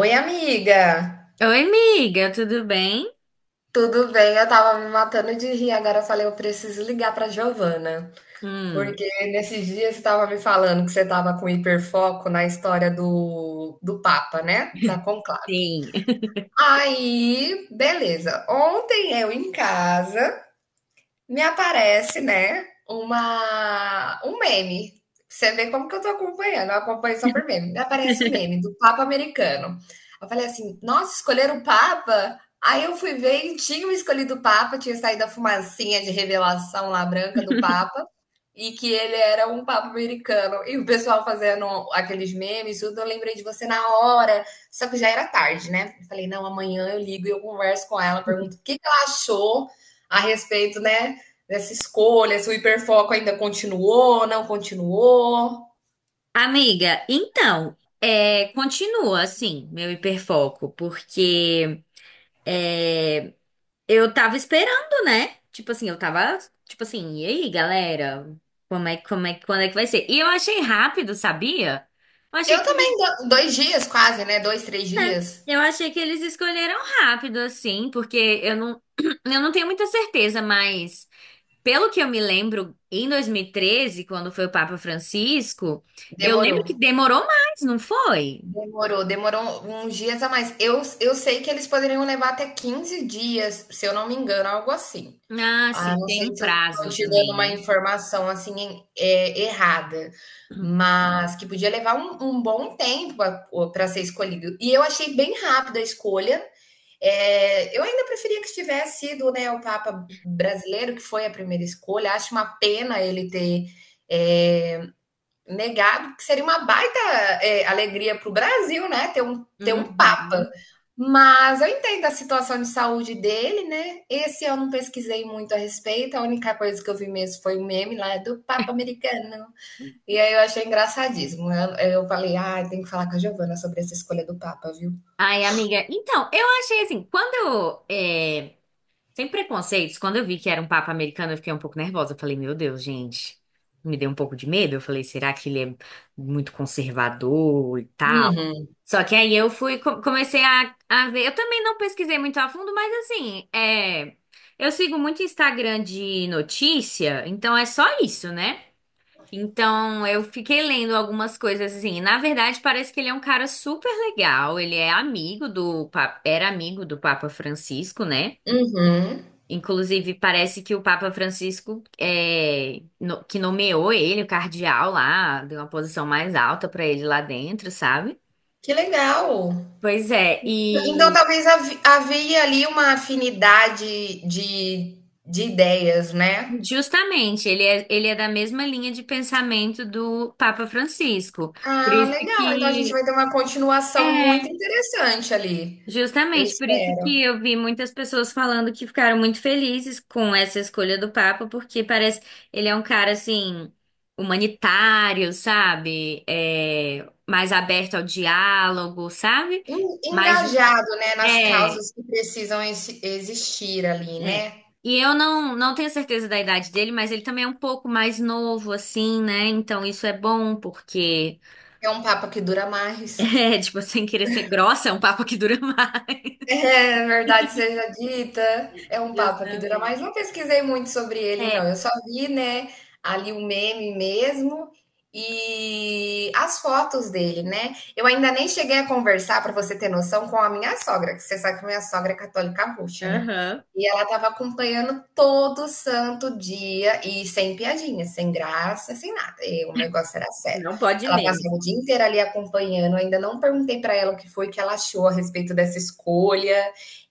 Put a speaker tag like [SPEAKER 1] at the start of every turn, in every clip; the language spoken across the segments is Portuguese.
[SPEAKER 1] Oi, amiga!
[SPEAKER 2] Oi, amiga, tudo bem?
[SPEAKER 1] Tudo bem, eu tava me matando de rir, agora eu falei, eu preciso ligar pra Giovana,
[SPEAKER 2] Hum,
[SPEAKER 1] porque nesses dias você tava me falando que você tava com hiperfoco na história do Papa, né? Da conclave.
[SPEAKER 2] sim.
[SPEAKER 1] Aí, beleza. Ontem eu em casa me aparece, né, um meme. Você vê como que eu tô acompanhando, eu acompanho só por meme. Me aparece um meme do Papa americano. Eu falei assim, nossa, escolheram o Papa? Aí eu fui ver e tinham escolhido o Papa, tinha saído a fumacinha de revelação lá branca do Papa, e que ele era um Papa americano. E o pessoal fazendo aqueles memes, tudo, eu lembrei de você na hora, só que já era tarde, né? Eu falei, não, amanhã eu ligo e eu converso com ela, pergunto o que que ela achou a respeito, né, dessa escolha, se o hiperfoco ainda continuou, não continuou.
[SPEAKER 2] Amiga, então, é, continua assim, meu hiperfoco, porque é, eu tava esperando, né? Tipo assim, eu tava, tipo assim, e aí, galera? Como é, quando é que vai ser? E eu achei rápido, sabia? Eu achei
[SPEAKER 1] Eu
[SPEAKER 2] que eles,
[SPEAKER 1] também, 2 dias quase, né? 2, 3 dias.
[SPEAKER 2] eu achei que eles escolheram rápido, assim, porque eu não, eu não tenho muita certeza, mas. Pelo que eu me lembro, em 2013, quando foi o Papa Francisco, eu lembro
[SPEAKER 1] Demorou.
[SPEAKER 2] que demorou mais, não foi?
[SPEAKER 1] Demorou uns dias a mais. Eu sei que eles poderiam levar até 15 dias, se eu não me engano, algo assim.
[SPEAKER 2] Ah,
[SPEAKER 1] Ah,
[SPEAKER 2] sim,
[SPEAKER 1] não
[SPEAKER 2] tem
[SPEAKER 1] sei
[SPEAKER 2] um
[SPEAKER 1] se eu estou
[SPEAKER 2] prazo
[SPEAKER 1] te dando
[SPEAKER 2] também,
[SPEAKER 1] uma
[SPEAKER 2] né?
[SPEAKER 1] informação assim errada, mas que podia levar um bom tempo para ser escolhido. E eu achei bem rápida a escolha. É, eu ainda preferia que tivesse sido, né, o Papa brasileiro, que foi a primeira escolha. Acho uma pena ele ter é, negado, que seria uma baita alegria para o Brasil, né, ter um Papa.
[SPEAKER 2] Uhum.
[SPEAKER 1] Mas eu entendo a situação de saúde dele, né? Esse eu não pesquisei muito a respeito. A única coisa que eu vi mesmo foi um meme lá do Papa americano. E aí eu achei engraçadíssimo. Eu falei, ah, tem que falar com a Giovana sobre essa escolha do Papa, viu?
[SPEAKER 2] Ai, amiga, então, eu achei assim, sem preconceitos, quando eu vi que era um papa americano, eu fiquei um pouco nervosa. Eu falei, meu Deus, gente, me deu um pouco de medo. Eu falei, será que ele é muito conservador e tal?
[SPEAKER 1] Uhum,
[SPEAKER 2] Só que aí comecei a ver. Eu também não pesquisei muito a fundo, mas assim, é, eu sigo muito Instagram de notícia, então é só isso, né? Então eu fiquei lendo algumas coisas assim. Na verdade, parece que ele é um cara super legal. Ele é amigo do, papa, era amigo do Papa Francisco, né?
[SPEAKER 1] uhum.
[SPEAKER 2] Inclusive, parece que o Papa Francisco que nomeou ele, o cardeal lá, deu uma posição mais alta para ele lá dentro, sabe?
[SPEAKER 1] Que legal!
[SPEAKER 2] Pois é,
[SPEAKER 1] Então,
[SPEAKER 2] e
[SPEAKER 1] talvez havia ali uma afinidade de ideias, né?
[SPEAKER 2] justamente ele é da mesma linha de pensamento do Papa Francisco. Por
[SPEAKER 1] Ah,
[SPEAKER 2] isso
[SPEAKER 1] legal. Então a gente
[SPEAKER 2] que
[SPEAKER 1] vai ter uma
[SPEAKER 2] é,
[SPEAKER 1] continuação muito interessante ali. Eu
[SPEAKER 2] Justamente por isso
[SPEAKER 1] espero.
[SPEAKER 2] que eu vi muitas pessoas falando que ficaram muito felizes com essa escolha do Papa, porque parece ele é um cara assim humanitário, sabe? É, mais aberto ao diálogo, sabe?
[SPEAKER 1] En-
[SPEAKER 2] Mais,
[SPEAKER 1] Engajado, né, nas
[SPEAKER 2] é,
[SPEAKER 1] causas que precisam existir ali,
[SPEAKER 2] é.
[SPEAKER 1] né?
[SPEAKER 2] E eu não tenho certeza da idade dele, mas ele também é um pouco mais novo assim, né? Então isso é bom porque
[SPEAKER 1] É um papo que dura mais.
[SPEAKER 2] é, tipo, sem querer ser grossa, é um papo que dura mais.
[SPEAKER 1] É, é verdade seja dita, é um papo que dura
[SPEAKER 2] Justamente.
[SPEAKER 1] mais. Não pesquisei muito sobre ele, não.
[SPEAKER 2] É.
[SPEAKER 1] Eu só vi, né, ali o meme mesmo e as fotos dele, né? Eu ainda nem cheguei a conversar, para você ter noção, com a minha sogra, que você sabe que minha sogra é católica roxa, né?
[SPEAKER 2] Aham.
[SPEAKER 1] E ela estava acompanhando todo santo dia e sem piadinha, sem graça, sem nada. E o negócio era sério.
[SPEAKER 2] Não pode
[SPEAKER 1] Ela
[SPEAKER 2] menos.
[SPEAKER 1] passava o dia inteiro ali acompanhando. Eu ainda não perguntei para ela o que foi que ela achou a respeito dessa escolha,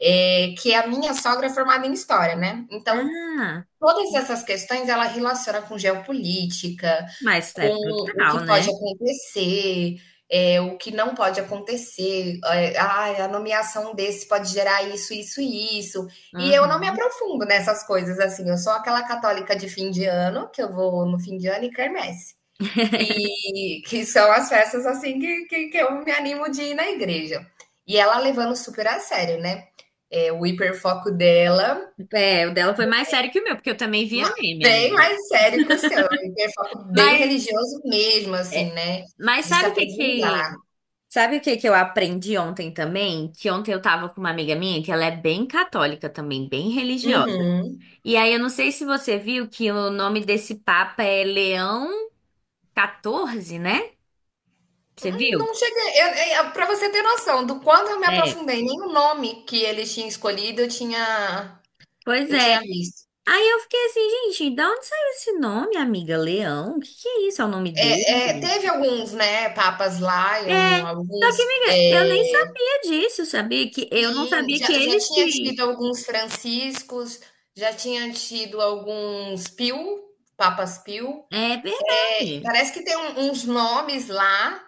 [SPEAKER 1] é que a minha sogra é formada em história, né. Então,
[SPEAKER 2] Ah,
[SPEAKER 1] todas essas questões ela relaciona com geopolítica,
[SPEAKER 2] mas é
[SPEAKER 1] com o que
[SPEAKER 2] total,
[SPEAKER 1] pode
[SPEAKER 2] né?
[SPEAKER 1] acontecer, é o que não pode acontecer, "Ai, a nomeação desse pode gerar isso, isso e isso", e eu não me
[SPEAKER 2] Uhum.
[SPEAKER 1] aprofundo nessas coisas, assim, eu sou aquela católica de fim de ano, que eu vou no fim de ano e quermesse. E que são as festas assim que eu me animo de ir na igreja. E ela levando super a sério, né? É, o hiperfoco dela,
[SPEAKER 2] É, o dela foi mais sério que o meu, porque eu também via
[SPEAKER 1] ma-
[SPEAKER 2] meme,
[SPEAKER 1] bem
[SPEAKER 2] amiga.
[SPEAKER 1] mais sério que o seu. É um hiperfoco bem
[SPEAKER 2] Mas,
[SPEAKER 1] religioso mesmo, assim,
[SPEAKER 2] é,
[SPEAKER 1] né?
[SPEAKER 2] mas
[SPEAKER 1] De se
[SPEAKER 2] sabe o que
[SPEAKER 1] aprofundar.
[SPEAKER 2] que... Sabe o que que eu aprendi ontem também? Que ontem eu tava com uma amiga minha, que ela é bem católica também, bem religiosa.
[SPEAKER 1] Uhum.
[SPEAKER 2] E aí eu não sei se você viu que o nome desse papa é Leão 14, né? Você viu?
[SPEAKER 1] Não cheguei. Pra você ter noção do quanto eu me
[SPEAKER 2] É.
[SPEAKER 1] aprofundei, nem o nome que eles tinham escolhido eu tinha,
[SPEAKER 2] Pois
[SPEAKER 1] eu
[SPEAKER 2] é,
[SPEAKER 1] tinha visto.
[SPEAKER 2] aí eu fiquei assim, gente, da onde saiu esse nome, amiga? Leão? O que que é isso? É o nome dele?
[SPEAKER 1] É, teve alguns, né, papas lá, e
[SPEAKER 2] É. Só que,
[SPEAKER 1] alguns.
[SPEAKER 2] amiga, eu nem sabia disso, sabia? Que eu não
[SPEAKER 1] Sim,
[SPEAKER 2] sabia
[SPEAKER 1] já,
[SPEAKER 2] que
[SPEAKER 1] já
[SPEAKER 2] eles
[SPEAKER 1] tinha
[SPEAKER 2] que.
[SPEAKER 1] tido alguns franciscos, já tinha tido alguns Pio, Papas Pio.
[SPEAKER 2] É
[SPEAKER 1] É,
[SPEAKER 2] verdade.
[SPEAKER 1] parece que tem uns nomes lá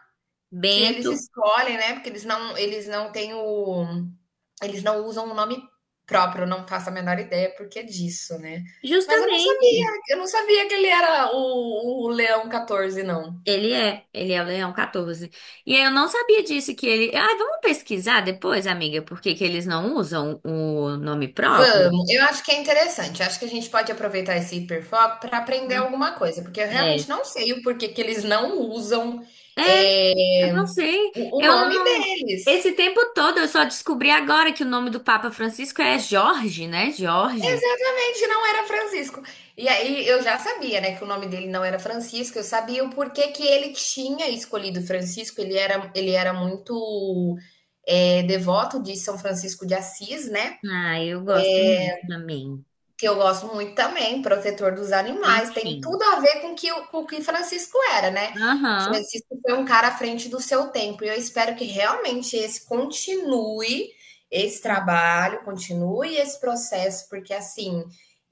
[SPEAKER 1] que eles
[SPEAKER 2] Bento,
[SPEAKER 1] escolhem, né? Porque eles não têm o, eles não usam o nome próprio, eu não faço a menor ideia porque disso, né? Mas eu não sabia,
[SPEAKER 2] justamente.
[SPEAKER 1] eu não sabia que ele era o Leão 14, não.
[SPEAKER 2] Ele é o Leão 14. E eu não sabia disso que ele. Ah, vamos pesquisar depois, amiga, por que que eles não usam o nome próprio?
[SPEAKER 1] Vamos, eu acho que é interessante. Eu acho que a gente pode aproveitar esse hiperfoco para aprender
[SPEAKER 2] Né?
[SPEAKER 1] alguma coisa, porque eu
[SPEAKER 2] É.
[SPEAKER 1] realmente não sei o porquê que eles não usam
[SPEAKER 2] É, eu
[SPEAKER 1] é,
[SPEAKER 2] não sei.
[SPEAKER 1] o
[SPEAKER 2] Eu
[SPEAKER 1] nome
[SPEAKER 2] não.
[SPEAKER 1] deles.
[SPEAKER 2] Esse tempo todo eu só descobri agora que o nome do Papa Francisco é Jorge, né? Jorge.
[SPEAKER 1] Realmente não era Francisco. E aí eu já sabia, né, que o nome dele não era Francisco. Eu sabia o porquê que ele tinha escolhido Francisco. Ele era muito devoto de São Francisco de Assis, né?
[SPEAKER 2] Ah, eu gosto muito também.
[SPEAKER 1] Que eu gosto muito também, protetor dos animais, tem tudo
[SPEAKER 2] Bichinhos.
[SPEAKER 1] a ver com o que Francisco era, né?
[SPEAKER 2] Aham.
[SPEAKER 1] Francisco foi um cara à frente do seu tempo, e eu espero que realmente esse continue esse
[SPEAKER 2] Uhum.
[SPEAKER 1] trabalho, continue esse processo, porque assim,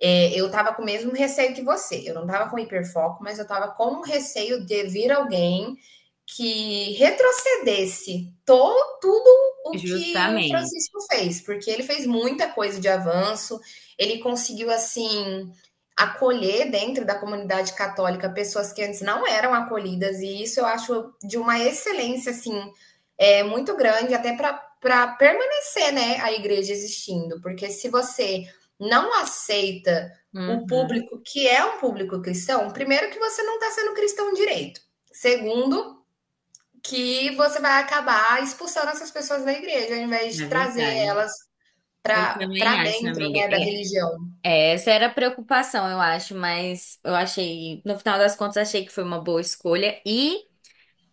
[SPEAKER 1] eu tava com o mesmo receio que você, eu não tava com hiperfoco, mas eu tava com o receio de vir alguém que retrocedesse tudo o que o
[SPEAKER 2] Justamente.
[SPEAKER 1] Francisco fez, porque ele fez muita coisa de avanço, ele conseguiu, assim, acolher dentro da comunidade católica pessoas que antes não eram acolhidas, e isso eu acho de uma excelência, assim, muito grande, até para permanecer, né, a igreja existindo, porque se você não aceita o
[SPEAKER 2] Uhum.
[SPEAKER 1] público que é um público cristão, primeiro que você não está sendo cristão direito. Segundo, que você vai acabar expulsando essas pessoas da igreja, ao invés
[SPEAKER 2] É
[SPEAKER 1] de trazer
[SPEAKER 2] verdade.
[SPEAKER 1] elas
[SPEAKER 2] Eu também
[SPEAKER 1] para
[SPEAKER 2] acho,
[SPEAKER 1] dentro
[SPEAKER 2] amiga.
[SPEAKER 1] né, da
[SPEAKER 2] É,
[SPEAKER 1] religião.
[SPEAKER 2] é, essa era a preocupação, eu acho, mas eu achei, no final das contas, achei que foi uma boa escolha. E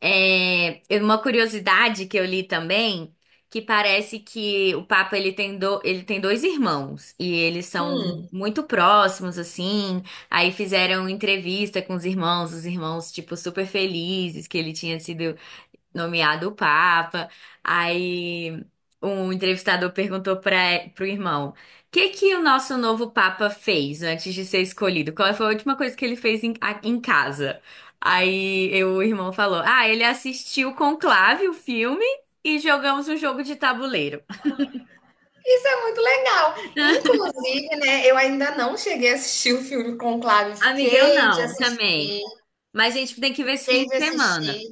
[SPEAKER 2] é, uma curiosidade que eu li também, que parece que o Papa ele tem dois irmãos e eles são
[SPEAKER 1] Hum,
[SPEAKER 2] muito próximos assim. Aí fizeram entrevista com os irmãos tipo super felizes que ele tinha sido nomeado o Papa. Aí um entrevistador perguntou para pro irmão: "O que que o nosso novo Papa fez antes de ser escolhido? Qual foi a última coisa que ele fez em casa?" Aí o irmão falou: "Ah, ele assistiu Conclave, o filme, e jogamos um jogo de tabuleiro."
[SPEAKER 1] isso é muito legal. Inclusive, né, eu ainda não cheguei a assistir o filme Conclave,
[SPEAKER 2] Amiga, eu
[SPEAKER 1] fiquei de
[SPEAKER 2] não, também.
[SPEAKER 1] assistir,
[SPEAKER 2] Mas a gente tem que ver esse fim
[SPEAKER 1] fiquei
[SPEAKER 2] de
[SPEAKER 1] de assistir.
[SPEAKER 2] semana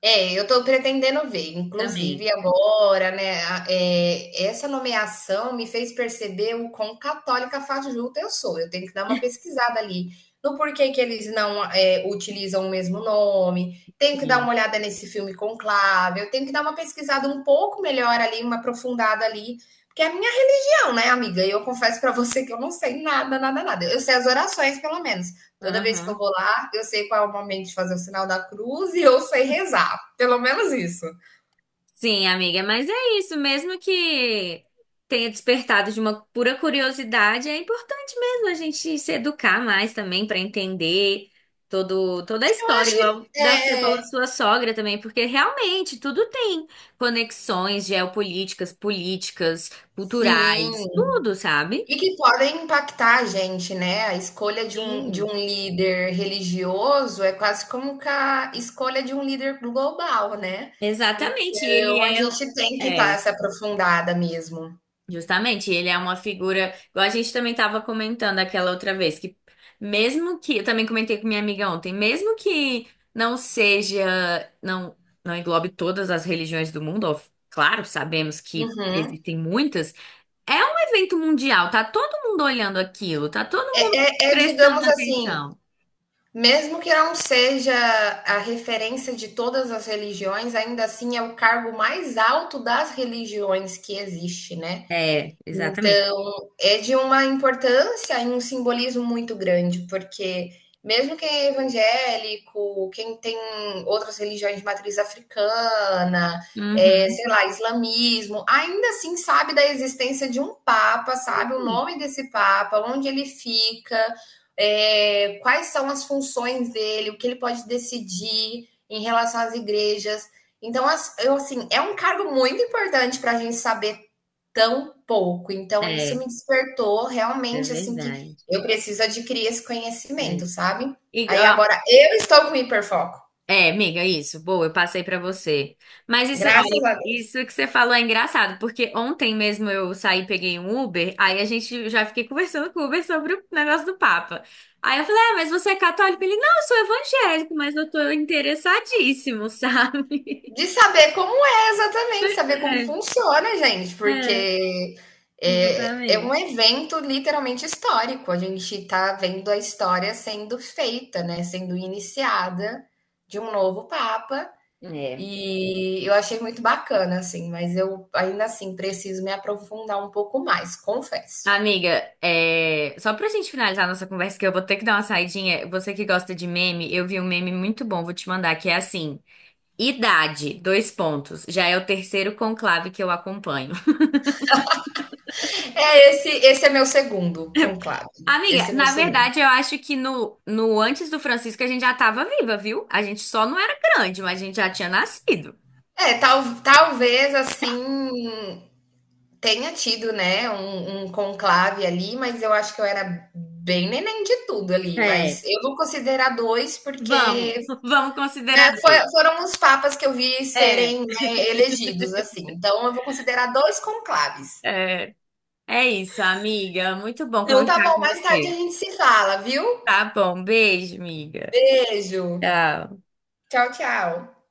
[SPEAKER 1] É, eu estou pretendendo ver,
[SPEAKER 2] também.
[SPEAKER 1] inclusive agora, né, essa nomeação me fez perceber o quão católica fajuta eu sou. Eu tenho que dar uma pesquisada ali no porquê que eles não utilizam o mesmo nome, tenho que dar
[SPEAKER 2] Sim.
[SPEAKER 1] uma olhada nesse filme Conclave, eu tenho que dar uma pesquisada um pouco melhor ali, uma aprofundada ali, porque a minha não, né, amiga? Eu confesso pra você que eu não sei nada, nada, nada. Eu sei as orações, pelo menos. Toda vez que eu
[SPEAKER 2] Aham.
[SPEAKER 1] vou lá, eu sei qual é o momento de fazer o sinal da cruz e eu sei rezar. Pelo menos isso.
[SPEAKER 2] Sim, amiga, mas é isso, mesmo que tenha despertado de uma pura curiosidade, é importante mesmo a gente se educar mais também para entender todo, toda a
[SPEAKER 1] Eu
[SPEAKER 2] história,
[SPEAKER 1] acho
[SPEAKER 2] igual
[SPEAKER 1] que
[SPEAKER 2] da, você falou da
[SPEAKER 1] é,
[SPEAKER 2] sua sogra também, porque realmente tudo tem conexões geopolíticas, políticas, culturais,
[SPEAKER 1] sim.
[SPEAKER 2] tudo, sabe?
[SPEAKER 1] E que podem impactar a gente, né? A escolha de um, de
[SPEAKER 2] Sim.
[SPEAKER 1] um líder religioso é quase como que a escolha de um líder global, né?
[SPEAKER 2] Exatamente, ele
[SPEAKER 1] Então a gente tem que
[SPEAKER 2] é,
[SPEAKER 1] estar
[SPEAKER 2] é.
[SPEAKER 1] essa aprofundada mesmo.
[SPEAKER 2] Justamente, ele é uma figura, igual a gente também estava comentando aquela outra vez, que mesmo que, eu também comentei com minha amiga ontem, mesmo que não seja, não, não englobe todas as religiões do mundo, ó, claro, sabemos que
[SPEAKER 1] Uhum.
[SPEAKER 2] existem muitas, é um evento mundial, tá todo mundo olhando aquilo, tá todo
[SPEAKER 1] É,
[SPEAKER 2] mundo
[SPEAKER 1] é,
[SPEAKER 2] prestando
[SPEAKER 1] digamos assim,
[SPEAKER 2] atenção.
[SPEAKER 1] mesmo que não seja a referência de todas as religiões, ainda assim é o cargo mais alto das religiões que existe, né?
[SPEAKER 2] É, exatamente.
[SPEAKER 1] Então, é de uma importância e um simbolismo muito grande, porque mesmo quem é evangélico, quem tem outras religiões de matriz africana,
[SPEAKER 2] Uhum.
[SPEAKER 1] sei lá, islamismo, ainda assim sabe da existência de um papa, sabe o nome desse papa, onde ele fica, quais são as funções dele, o que ele pode decidir em relação às igrejas. Então, eu, assim, é um cargo muito importante para a gente saber tão pouco. Então isso
[SPEAKER 2] É,
[SPEAKER 1] me despertou
[SPEAKER 2] é
[SPEAKER 1] realmente, assim, que
[SPEAKER 2] verdade.
[SPEAKER 1] eu preciso adquirir esse
[SPEAKER 2] É.
[SPEAKER 1] conhecimento, sabe.
[SPEAKER 2] E,
[SPEAKER 1] Aí
[SPEAKER 2] ó,
[SPEAKER 1] agora eu estou com hiperfoco,
[SPEAKER 2] é, amiga, isso. Boa, eu passei pra você. Mas isso, olha,
[SPEAKER 1] graças a Deus.
[SPEAKER 2] isso que você falou é engraçado, porque ontem mesmo eu saí, e peguei um Uber, aí a gente já fiquei conversando com o Uber sobre o negócio do Papa. Aí eu falei, ah, mas você é católico? Ele, não, eu sou evangélico, mas eu tô interessadíssimo, sabe?
[SPEAKER 1] De saber como é exatamente,
[SPEAKER 2] Pois
[SPEAKER 1] saber como
[SPEAKER 2] é,
[SPEAKER 1] funciona, gente,
[SPEAKER 2] é,
[SPEAKER 1] porque, é um
[SPEAKER 2] exatamente.
[SPEAKER 1] evento literalmente histórico, a gente está vendo a história sendo feita, né, sendo iniciada de um novo papa.
[SPEAKER 2] É.
[SPEAKER 1] E eu achei muito bacana, assim, mas eu ainda assim preciso me aprofundar um pouco mais, confesso.
[SPEAKER 2] Amiga, é... só pra gente finalizar nossa conversa, que eu vou ter que dar uma saidinha. Você que gosta de meme, eu vi um meme muito bom, vou te mandar, que é assim. Idade, dois pontos. Já é o terceiro conclave que eu acompanho.
[SPEAKER 1] É, esse é meu segundo conclave,
[SPEAKER 2] Amiga,
[SPEAKER 1] esse é meu
[SPEAKER 2] na
[SPEAKER 1] segundo.
[SPEAKER 2] verdade, eu acho que no antes do Francisco a gente já tava viva, viu? A gente só não era grande, mas a gente já tinha nascido.
[SPEAKER 1] É, talvez, assim, tenha tido, né, um conclave ali, mas eu acho que eu era bem neném de tudo ali, mas
[SPEAKER 2] É.
[SPEAKER 1] eu vou considerar 2
[SPEAKER 2] Vamos,
[SPEAKER 1] porque,
[SPEAKER 2] vamos considerar
[SPEAKER 1] né, foi
[SPEAKER 2] dois.
[SPEAKER 1] foram os papas que eu vi
[SPEAKER 2] É,
[SPEAKER 1] serem, né, elegidos, assim, então eu vou considerar 2 conclaves.
[SPEAKER 2] é. É isso, amiga. Muito bom
[SPEAKER 1] Então tá
[SPEAKER 2] conversar
[SPEAKER 1] bom,
[SPEAKER 2] com
[SPEAKER 1] mais tarde a
[SPEAKER 2] você.
[SPEAKER 1] gente se fala, viu?
[SPEAKER 2] Tá bom, beijo, amiga.
[SPEAKER 1] Beijo.
[SPEAKER 2] Tchau.
[SPEAKER 1] Tchau, tchau.